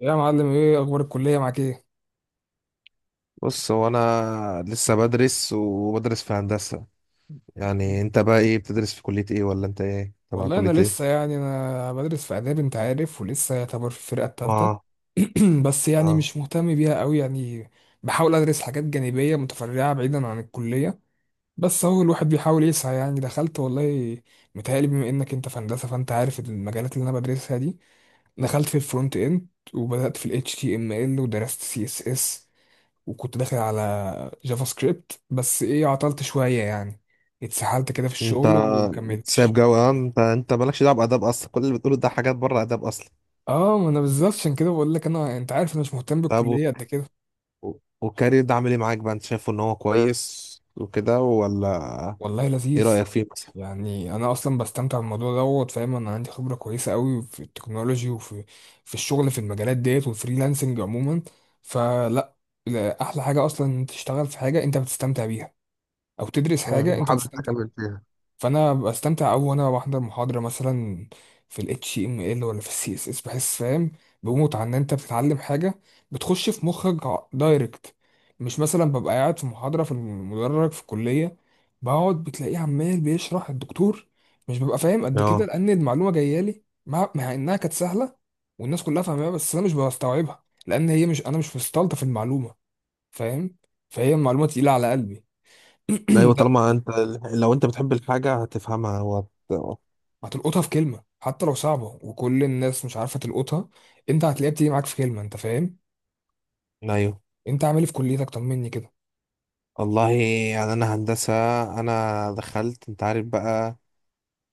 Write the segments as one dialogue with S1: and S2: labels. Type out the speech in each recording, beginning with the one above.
S1: يا معلم، ايه اخبار الكليه معاك؟ ايه
S2: بص هو انا لسه بدرس وبدرس في هندسة. يعني انت بقى ايه بتدرس في كلية ايه ولا انت ايه تبع
S1: والله، انا
S2: كلية
S1: لسه
S2: ايه؟
S1: يعني انا بدرس في اداب انت عارف، ولسه يعتبر في الفرقه الثالثه.
S2: اه.
S1: بس
S2: اه
S1: مش مهتم بيها قوي يعني. بحاول ادرس حاجات جانبيه متفرعه بعيدا عن الكليه. بس هو الواحد بيحاول يسعى. يعني دخلت والله، متهيألي بما انك انت في هندسه فانت عارف المجالات اللي انا بدرسها دي. دخلت في الفرونت اند، وبدأت في ال HTML، ودرست CSS، وكنت داخل على جافا سكريبت، بس ايه، عطلت شوية يعني، اتسحلت كده في
S2: انت
S1: الشغل
S2: سايب
S1: ومكملتش.
S2: جو، انت مالكش دعوة بآداب اصلا، كل اللي بتقوله ده حاجات بره آداب اصلا.
S1: اه، ما انا بالظبط عشان كده بقول لك، انا انت عارف، انا مش مهتم
S2: طب و-
S1: بالكلية قد كده.
S2: والكارير ده عامل ايه معاك بقى، انت شايفه ان هو كويس وكده ولا؟
S1: والله
S2: ايه
S1: لذيذ.
S2: رأيك فيه مثلا؟
S1: يعني انا اصلا بستمتع بالموضوع دوت، فاهم؟ انا عندي خبرة كويسة قوي في التكنولوجي، وفي الشغل، في المجالات ديت والفريلانسنج عموما. فلا، لا، احلى حاجة اصلا انت تشتغل في حاجة انت بتستمتع بيها، او تدرس حاجة
S2: مم،
S1: انت
S2: وحابب
S1: بتستمتع.
S2: تكمل فيها.
S1: فانا بستمتع قوي، وانا بحضر محاضره مثلا في ال HTML ولا في ال CSS بحس فاهم، بموت عن ان انت بتتعلم حاجه بتخش في مخك دايركت. مش مثلا ببقى قاعد في محاضره في المدرج في الكليه، بقعد بتلاقيه عمال بيشرح الدكتور، مش ببقى فاهم قد كده،
S2: اه،
S1: لان المعلومه جايه لي مع انها كانت سهله والناس كلها فاهماها، بس انا مش بستوعبها، لان هي مش مستلطف المعلومه، فاهم؟ فهي المعلومه تقيله على قلبي.
S2: ايوه طالما انت لو انت بتحب الحاجة هتفهمها وهت...
S1: هتلقطها في كلمة حتى لو صعبة وكل الناس مش عارفة تلقطها، انت هتلاقيها بتيجي معاك في كلمة، انت فاهم.
S2: ايوه.
S1: انت عامل إيه في كليتك؟ طمني كده.
S2: والله يعني انا هندسه، انا دخلت انت عارف بقى.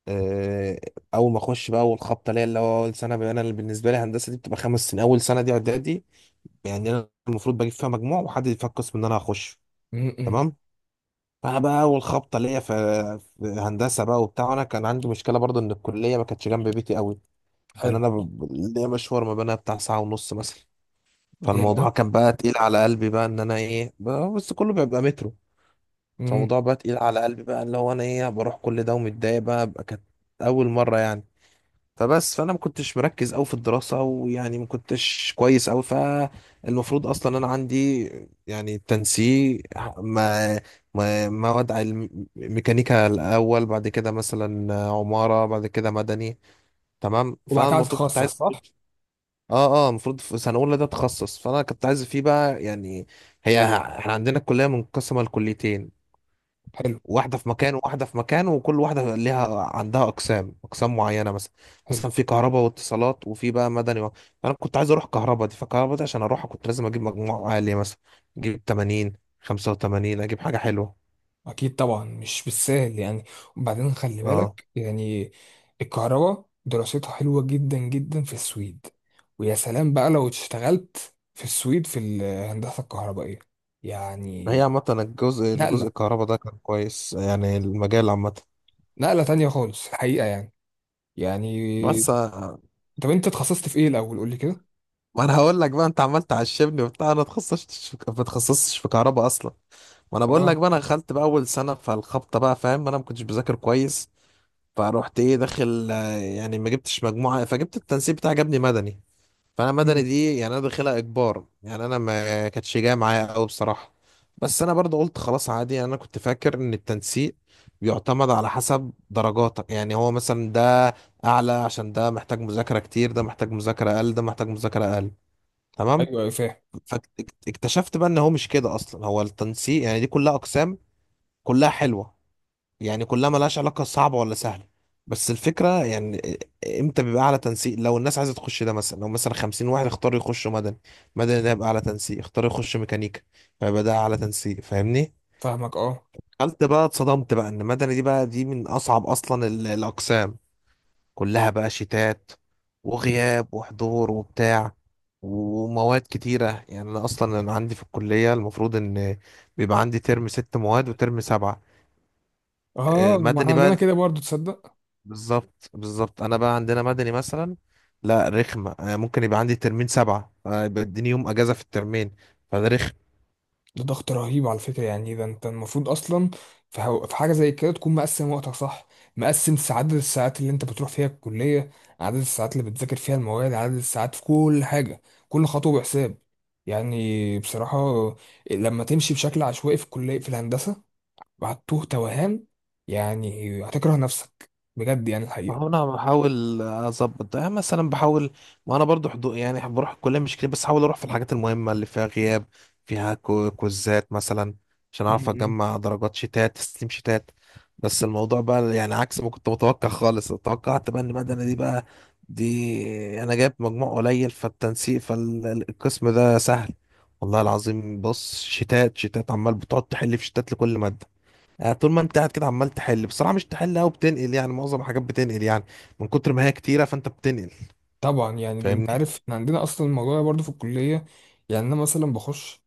S2: آه، اول ما اخش بقى اول خبطه ليا اللي هو اول سنه، بقى انا اللي بالنسبه لي هندسه دي بتبقى خمس سنين، اول سنه دي اعدادي. يعني انا المفروض بجيب فيها مجموع وحد يدفع القسم اللي انا هخش.
S1: إمم.
S2: تمام. فانا بقى اول خبطه ليا في هندسه بقى وبتاع، انا كان عندي مشكله برضه ان الكليه ما كانتش جنب بيتي قوي. يعني
S1: حلو.
S2: انا ليا مشوار ما بينها بتاع ساعه ونص مثلا.
S1: يا
S2: فالموضوع كان بقى تقيل على قلبي بقى ان انا بس كله بيبقى مترو.
S1: امم
S2: فالموضوع بقى تقيل على قلبي بقى اللي هو انا ايه بروح كل ده ومتضايق بقى، كانت اول مره يعني. فانا ما كنتش مركز قوي في الدراسه، ويعني ما كنتش كويس قوي. فالمفروض اصلا انا عندي يعني تنسيق، ما ما مواد علم ميكانيكا الاول، بعد كده مثلا عماره، بعد كده مدني. تمام.
S1: وبعد
S2: فانا
S1: كده
S2: المفروض كنت
S1: هتتخصص،
S2: عايز.
S1: صح؟
S2: اه المفروض في سنه اولى ده تخصص، فانا كنت عايز فيه بقى يعني. هي احنا عندنا الكليه منقسمه لكليتين،
S1: حلو.
S2: واحدة في مكان وواحدة في مكان، وكل واحدة ليها عندها أقسام معينة مثلا.
S1: حلو.
S2: مثلا في كهرباء واتصالات، وفي بقى مدني و... أنا كنت عايز أروح كهرباء دي، فكهرباء دي عشان أروحها كنت لازم أجيب مجموع عالي، مثلا أجيب 80، 85، أجيب حاجة حلوة.
S1: اكيد طبعا، مش بالسهل يعني. وبعدين خلي
S2: أه،
S1: بالك يعني، الكهرباء دراستها حلوة جدا جدا في السويد، ويا سلام بقى لو اشتغلت في السويد في الهندسة الكهربائية
S2: هي
S1: يعني.
S2: عامة الجزء
S1: نقلة،
S2: الكهرباء ده كان كويس، يعني المجال عامة.
S1: نقلة تانية خالص الحقيقة يعني، يعني.
S2: بس آه،
S1: طب انت اتخصصت في ايه الاول؟ قول لي كده.
S2: ما أنا هقول لك بقى، أنت عمال تعشمني وبتاع، أنا اتخصصتش في كهرباء أصلا. ما أنا بقول
S1: اه.
S2: لك بقى أنا دخلت بقى أول سنة، فالخبطة بقى، فاهم، أنا ما كنتش بذاكر كويس. فروحت ايه داخل آه، يعني ما جبتش مجموعة، فجبت التنسيق بتاعي جابني مدني. فانا مدني
S1: مم.
S2: دي يعني انا داخلها اجبار، يعني انا ما كانتش جايه معايا قوي بصراحة. بس انا برضه قلت خلاص عادي، يعني انا كنت فاكر ان التنسيق بيعتمد على حسب درجاتك، يعني هو مثلا ده اعلى عشان ده محتاج مذاكرة كتير، ده محتاج مذاكرة اقل، ده محتاج مذاكرة اقل. تمام.
S1: ايوه ايوه، فاهم.
S2: فاكتشفت بقى ان هو مش كده اصلا، هو التنسيق يعني دي كلها اقسام كلها حلوة، يعني كلها ملهاش علاقة صعبة ولا سهلة. بس الفكرة يعني امتى بيبقى أعلى تنسيق؟ لو الناس عايزة تخش ده، مثلا لو مثلا خمسين واحد اختاروا يخشوا مدني، مدني ده يبقى أعلى تنسيق. اختاروا يخشوا ميكانيكا، فيبقى ده أعلى تنسيق، فاهمني.
S1: فاهمك، اه.
S2: قلت بقى، اتصدمت بقى إن مدني دي بقى دي من أصعب أصلا الأقسام كلها بقى شتات وغياب وحضور وبتاع ومواد كتيرة. يعني أنا أصلا أنا عندي في الكلية المفروض إن بيبقى عندي ترم ست مواد وترم سبعة. آه،
S1: اه، ما احنا
S2: مدني
S1: عندنا
S2: بقى
S1: كده برضو، تصدق؟
S2: بالظبط انا بقى عندنا مدني مثلا، لا رخمه، أنا ممكن يبقى عندي ترمين سبعه آه، يبقى اديني يوم اجازه في الترمين، فده رخم.
S1: ده ضغط رهيب على فكره. يعني إيه ده، انت المفروض اصلا في حاجه زي كده تكون مقسم وقتك، صح؟ مقسم عدد الساعات اللي انت بتروح فيها الكليه، عدد الساعات اللي بتذاكر فيها المواد، عدد الساعات في كل حاجه. كل خطوه بحساب يعني، بصراحه. لما تمشي بشكل عشوائي في الكليه في الهندسه، وهتوه توهان يعني، هتكره نفسك بجد يعني.
S2: ما هو انا بحاول اظبط ده، يعني مثلا بحاول، ما انا برضو حضو يعني بروح الكليه مش كتير، بس احاول اروح في الحاجات المهمه اللي فيها غياب، فيها كوزات مثلا، عشان اعرف
S1: الحقيقه،
S2: اجمع درجات شتات، تسليم شتات. بس الموضوع بقى يعني عكس ما كنت متوقع خالص، توقعت بقى ان المدني دي بقى دي انا جايب مجموع قليل فالتنسيق، فالقسم ده سهل. والله العظيم بص، شتات عمال بتقعد تحل في شتات لكل ماده. يعني طول ما انت قاعد كده عمال تحل، بصراحه مش تحل قوي، بتنقل، يعني معظم الحاجات بتنقل يعني، من كتر ما هي كتيره فانت بتنقل،
S1: طبعا. يعني ده انت
S2: فاهمني.
S1: عارف، احنا عندنا اصلا الموضوع ده برضه في الكليه. يعني انا مثلا بخش،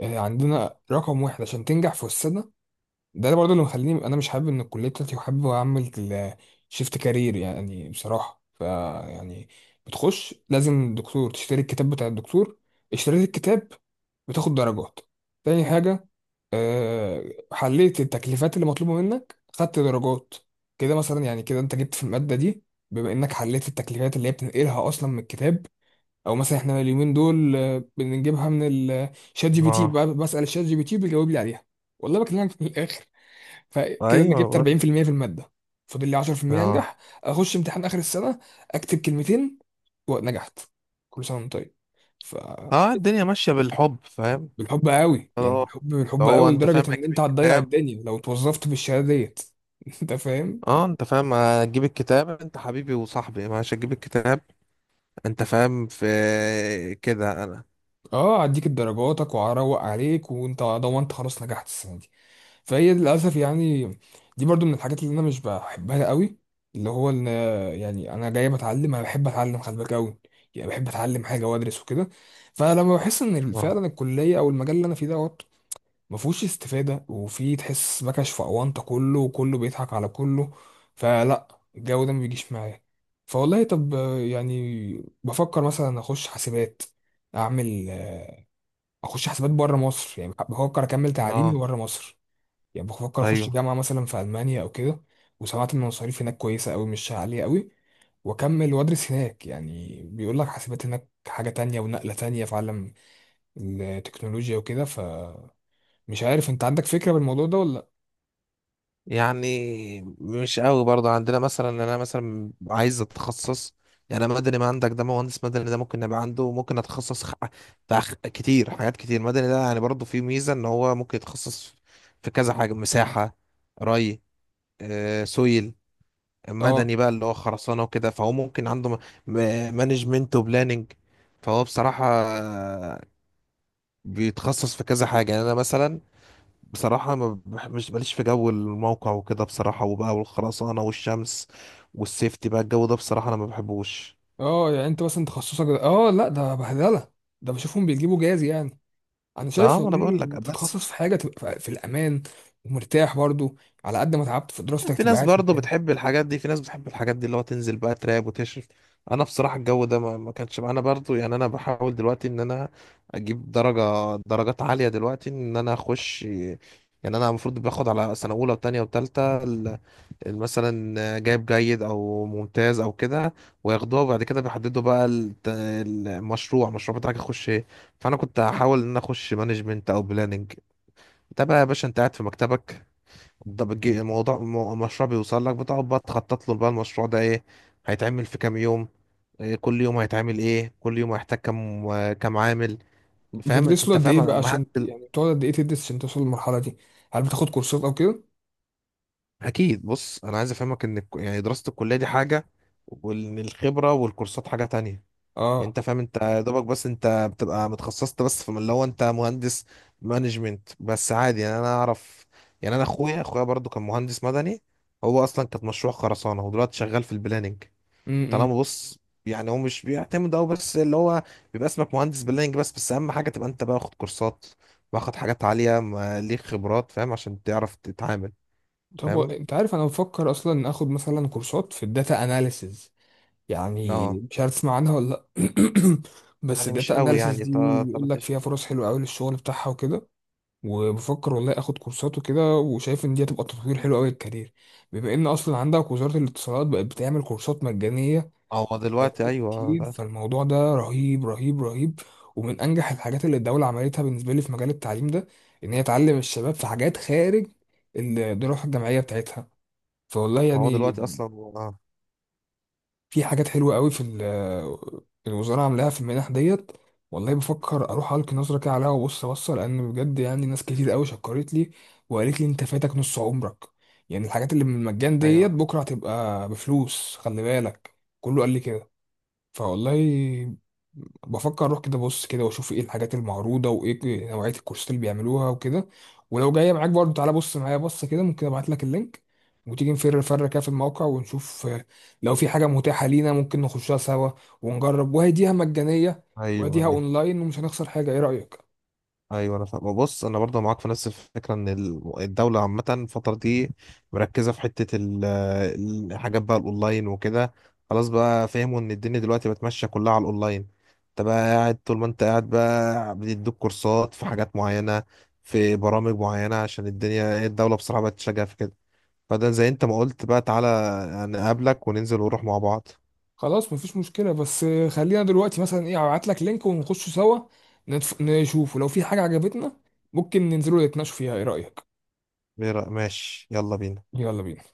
S1: عندنا رقم واحد عشان تنجح في السنه. ده برضه اللي مخليني انا مش حابب ان الكليه بتاعتي، وحابب اعمل شيفت كارير يعني بصراحه، ف يعني، بتخش لازم دكتور تشتري الكتاب بتاع الدكتور. اشتريت الكتاب بتاخد درجات. تاني حاجة، آه، حليت التكليفات اللي مطلوبة منك، خدت درجات. كده مثلا يعني كده انت جبت في المادة دي، بما انك حليت التكليفات اللي هي بتنقلها اصلا من الكتاب، او مثلا احنا اليومين دول بنجيبها من الشات جي بي تي
S2: اه.
S1: بسأل الشات جي بي تي بيجاوب لي عليها والله، بكلمك من الاخر. فكده انا
S2: ايوه انا
S1: جبت
S2: بقول لك.
S1: 40% في المية في المادة، فاضل لي 10%
S2: اه.
S1: انجح. اخش امتحان اخر السنة، اكتب كلمتين، ونجحت. كل سنة وانت طيب.
S2: اه الدنيا ماشيه بالحب، فاهم.
S1: بالحب قوي يعني،
S2: اه،
S1: بالحب، بالحب
S2: هو
S1: قوي،
S2: انت فاهم
S1: لدرجة ان
S2: هتجيب
S1: انت هتضيع
S2: الكتاب.
S1: الدنيا لو اتوظفت بالشهادة ديت. انت فاهم.
S2: اه انت فاهم هتجيب الكتاب، انت حبيبي وصاحبي ماشي، هتجيب الكتاب، انت فاهم. في كده انا.
S1: اه، هديك درجاتك وهروق عليك، وانت ضمنت خلاص نجحت السنة دي. فهي للأسف يعني، دي برضو من الحاجات اللي انا مش بحبها قوي، اللي هو ان، يعني انا جاي بتعلم، انا بحب اتعلم، خلي بالك قوي، يعني بحب اتعلم حاجة وادرس وكده. فلما بحس ان
S2: اه.
S1: فعلا الكلية او المجال اللي انا فيه ده ما فيهوش استفادة، وفي تحس مكش في أونطة، كله وكله بيضحك على كله، فلا، الجو ده ما بيجيش معايا. فوالله، طب يعني بفكر مثلا أخش حاسبات، أعمل أخش حاسبات بره مصر. يعني بفكر أكمل تعليمي
S2: اه.
S1: بره مصر، يعني بفكر أخش
S2: ايوه
S1: جامعة مثلا في ألمانيا أو كده. وسمعت إن المصاريف هناك كويسة أوي، مش عالية أوي، وأكمل وأدرس هناك. يعني بيقول لك حاسبات هناك حاجة تانية ونقلة تانية في عالم التكنولوجيا وكده. فمش عارف، أنت عندك فكرة بالموضوع ده ولا؟
S2: يعني مش قوي برضه عندنا، مثلا انا مثلا عايز اتخصص، يعني أنا مدني ما عندك ده، مهندس مدني ده ممكن نبقى عنده، ممكن اتخصص كتير حاجات كتير، مدني ده يعني برضه فيه ميزة ان هو ممكن يتخصص في كذا حاجة، مساحة، ري، آه، سويل،
S1: اه.
S2: مدني بقى اللي هو خرسانة وكده، فهو ممكن عنده م... مانجمنت وبلاننج. فهو بصراحة آه، بيتخصص في كذا حاجة. يعني انا مثلا بصراحة ما بح- مش ماليش في جو الموقع وكده بصراحة، وبقى والخرسانة والشمس والسيفتي بقى، الجو ده بصراحة أنا ما بحبوش.
S1: اه يعني انت مثلا اه لا، ده بهدله، ده بشوفهم بيجيبوا جاز يعني. انا شايف
S2: لا ما أنا
S1: والله
S2: بقول لك،
S1: انك
S2: بس
S1: تتخصص في حاجه تبقى في الامان ومرتاح برضو، على قد ما تعبت في دراستك
S2: في
S1: تبقى
S2: ناس
S1: قاعد في
S2: برضه
S1: مكان.
S2: بتحب الحاجات دي، في ناس بتحب الحاجات دي اللي هو تنزل بقى تراب وتشرف. أنا بصراحة الجو ده ما كانش معانا برضه. يعني أنا بحاول دلوقتي إن أنا أجيب درجات عالية دلوقتي، إن أنا أخش، يعني أنا المفروض باخد على سنة أولى وتانية وتالتة مثلا جايب جيد او ممتاز او كده، وياخدوها وبعد كده بيحددوا بقى المشروع، بتاعك يخش ايه. فانا كنت هحاول ان أنا اخش مانجمنت او بلاننج. ده بقى يا باشا انت قاعد في مكتبك، ده بتجي- الموضوع مو- المشروع بيوصل لك، بتقعد بقى تخطط له بقى المشروع ده ايه، هيتعمل في كام يوم، إيه كل يوم هيتعمل، ايه كل يوم هيحتاج كام، عامل. فاهم
S1: بتدرس له
S2: انت
S1: قد
S2: فاهم؟
S1: ايه
S2: أنا-
S1: بقى
S2: ما
S1: عشان
S2: هت-
S1: يعني بتقعد قد ايه تدرس عشان توصل للمرحله دي؟ هل بتاخد كورسات او كده؟
S2: اكيد بص، انا عايز افهمك ان يعني دراسة الكلية دي حاجة، وان الخبرة والكورسات حاجة تانية. يعني
S1: اه.
S2: انت فاهم، انت يا دوبك بس انت بتبقى متخصصت بس في اللي هو انت مهندس مانجمنت بس، عادي يعني انا اعرف. يعني انا اخويا برضو كان مهندس مدني، هو اصلا كانت مشروع خرسانه، هو دلوقتي شغال في البلاننج.
S1: إمم.
S2: طالما بص، يعني هو مش بيعتمد او بس اللي هو بيبقى اسمك مهندس بلاننج بس، اهم حاجه تبقى انت باخد كورسات، واخد حاجات عاليه، ما ليك خبرات فاهم، عشان تعرف تتعامل.
S1: طب
S2: فاهم.
S1: انت عارف، انا بفكر اصلا اخد مثلا كورسات في الداتا اناليسز. يعني
S2: اه.
S1: مش عارف تسمع عنها ولا لا. بس
S2: يعني مش
S1: الداتا
S2: قوي
S1: اناليسز
S2: يعني
S1: دي يقول لك
S2: طلعتش.
S1: فيها فرص حلوه قوي للشغل بتاعها وكده. وبفكر والله اخد كورسات وكده، وشايف ان دي هتبقى تطوير حلو قوي للكارير، بما ان اصلا عندك وزارة الاتصالات بقت بتعمل كورسات مجانية
S2: هو
S1: في
S2: دلوقتي
S1: مجالات
S2: ايوه
S1: كتير.
S2: ده-
S1: فالموضوع ده رهيب رهيب رهيب، ومن انجح الحاجات اللي الدولة عملتها بالنسبة لي في مجال التعليم ده، ان هي تعلم الشباب في حاجات خارج الدراسة الجامعية بتاعتها. فوالله
S2: هو
S1: يعني،
S2: دلوقتي اصلا. اه.
S1: في حاجات حلوة قوي الوزارة عاملاها في المنح ديت. والله بفكر اروح القي نظرة كده عليها وابص بص، لان بجد يعني ناس كتير قوي شكرت لي، وقالت لي انت فاتك نص عمرك. يعني الحاجات اللي من المجان ديت
S2: ايوه.
S1: بكرة هتبقى بفلوس، خلي بالك. كله قال لي كده. فوالله بفكر اروح كده بص كده، واشوف ايه الحاجات المعروضه، وايه نوعيه الكورسات اللي بيعملوها وكده. ولو جايه معاك برضه، تعالى بص معايا بص كده، ممكن ابعت لك اللينك، وتيجي نفر كده في الموقع، ونشوف لو في حاجه متاحه لينا ممكن نخشها سوا ونجرب. وهديها مجانيه،
S2: ايوه
S1: وهديها
S2: ايوه
S1: اونلاين، ومش هنخسر حاجه. ايه رايك؟
S2: ايوه انا فاهم بص، انا برضه معاك في نفس الفكره ان الدوله عامه الفتره دي مركزه في حته الحاجات بقى الاونلاين وكده. خلاص بقى فهموا ان الدنيا دلوقتي بقت ماشيه كلها على الاونلاين. انت بقى قاعد طول ما انت قاعد بقى بيدوك كورسات في حاجات معينه، في برامج معينه، عشان الدنيا الدوله بصراحه بقت تشجع في كده. فده زي انت ما قلت بقى، تعالى نقابلك وننزل ونروح مع بعض.
S1: خلاص مفيش مشكله. بس خلينا دلوقتي مثلا ايه، ابعت لك لينك ونخش سوا نشوف، ولو في حاجه عجبتنا ممكن ننزلوا نتناقشوا فيها. ايه رايك؟
S2: ماشي يلا بينا.
S1: يلا بينا.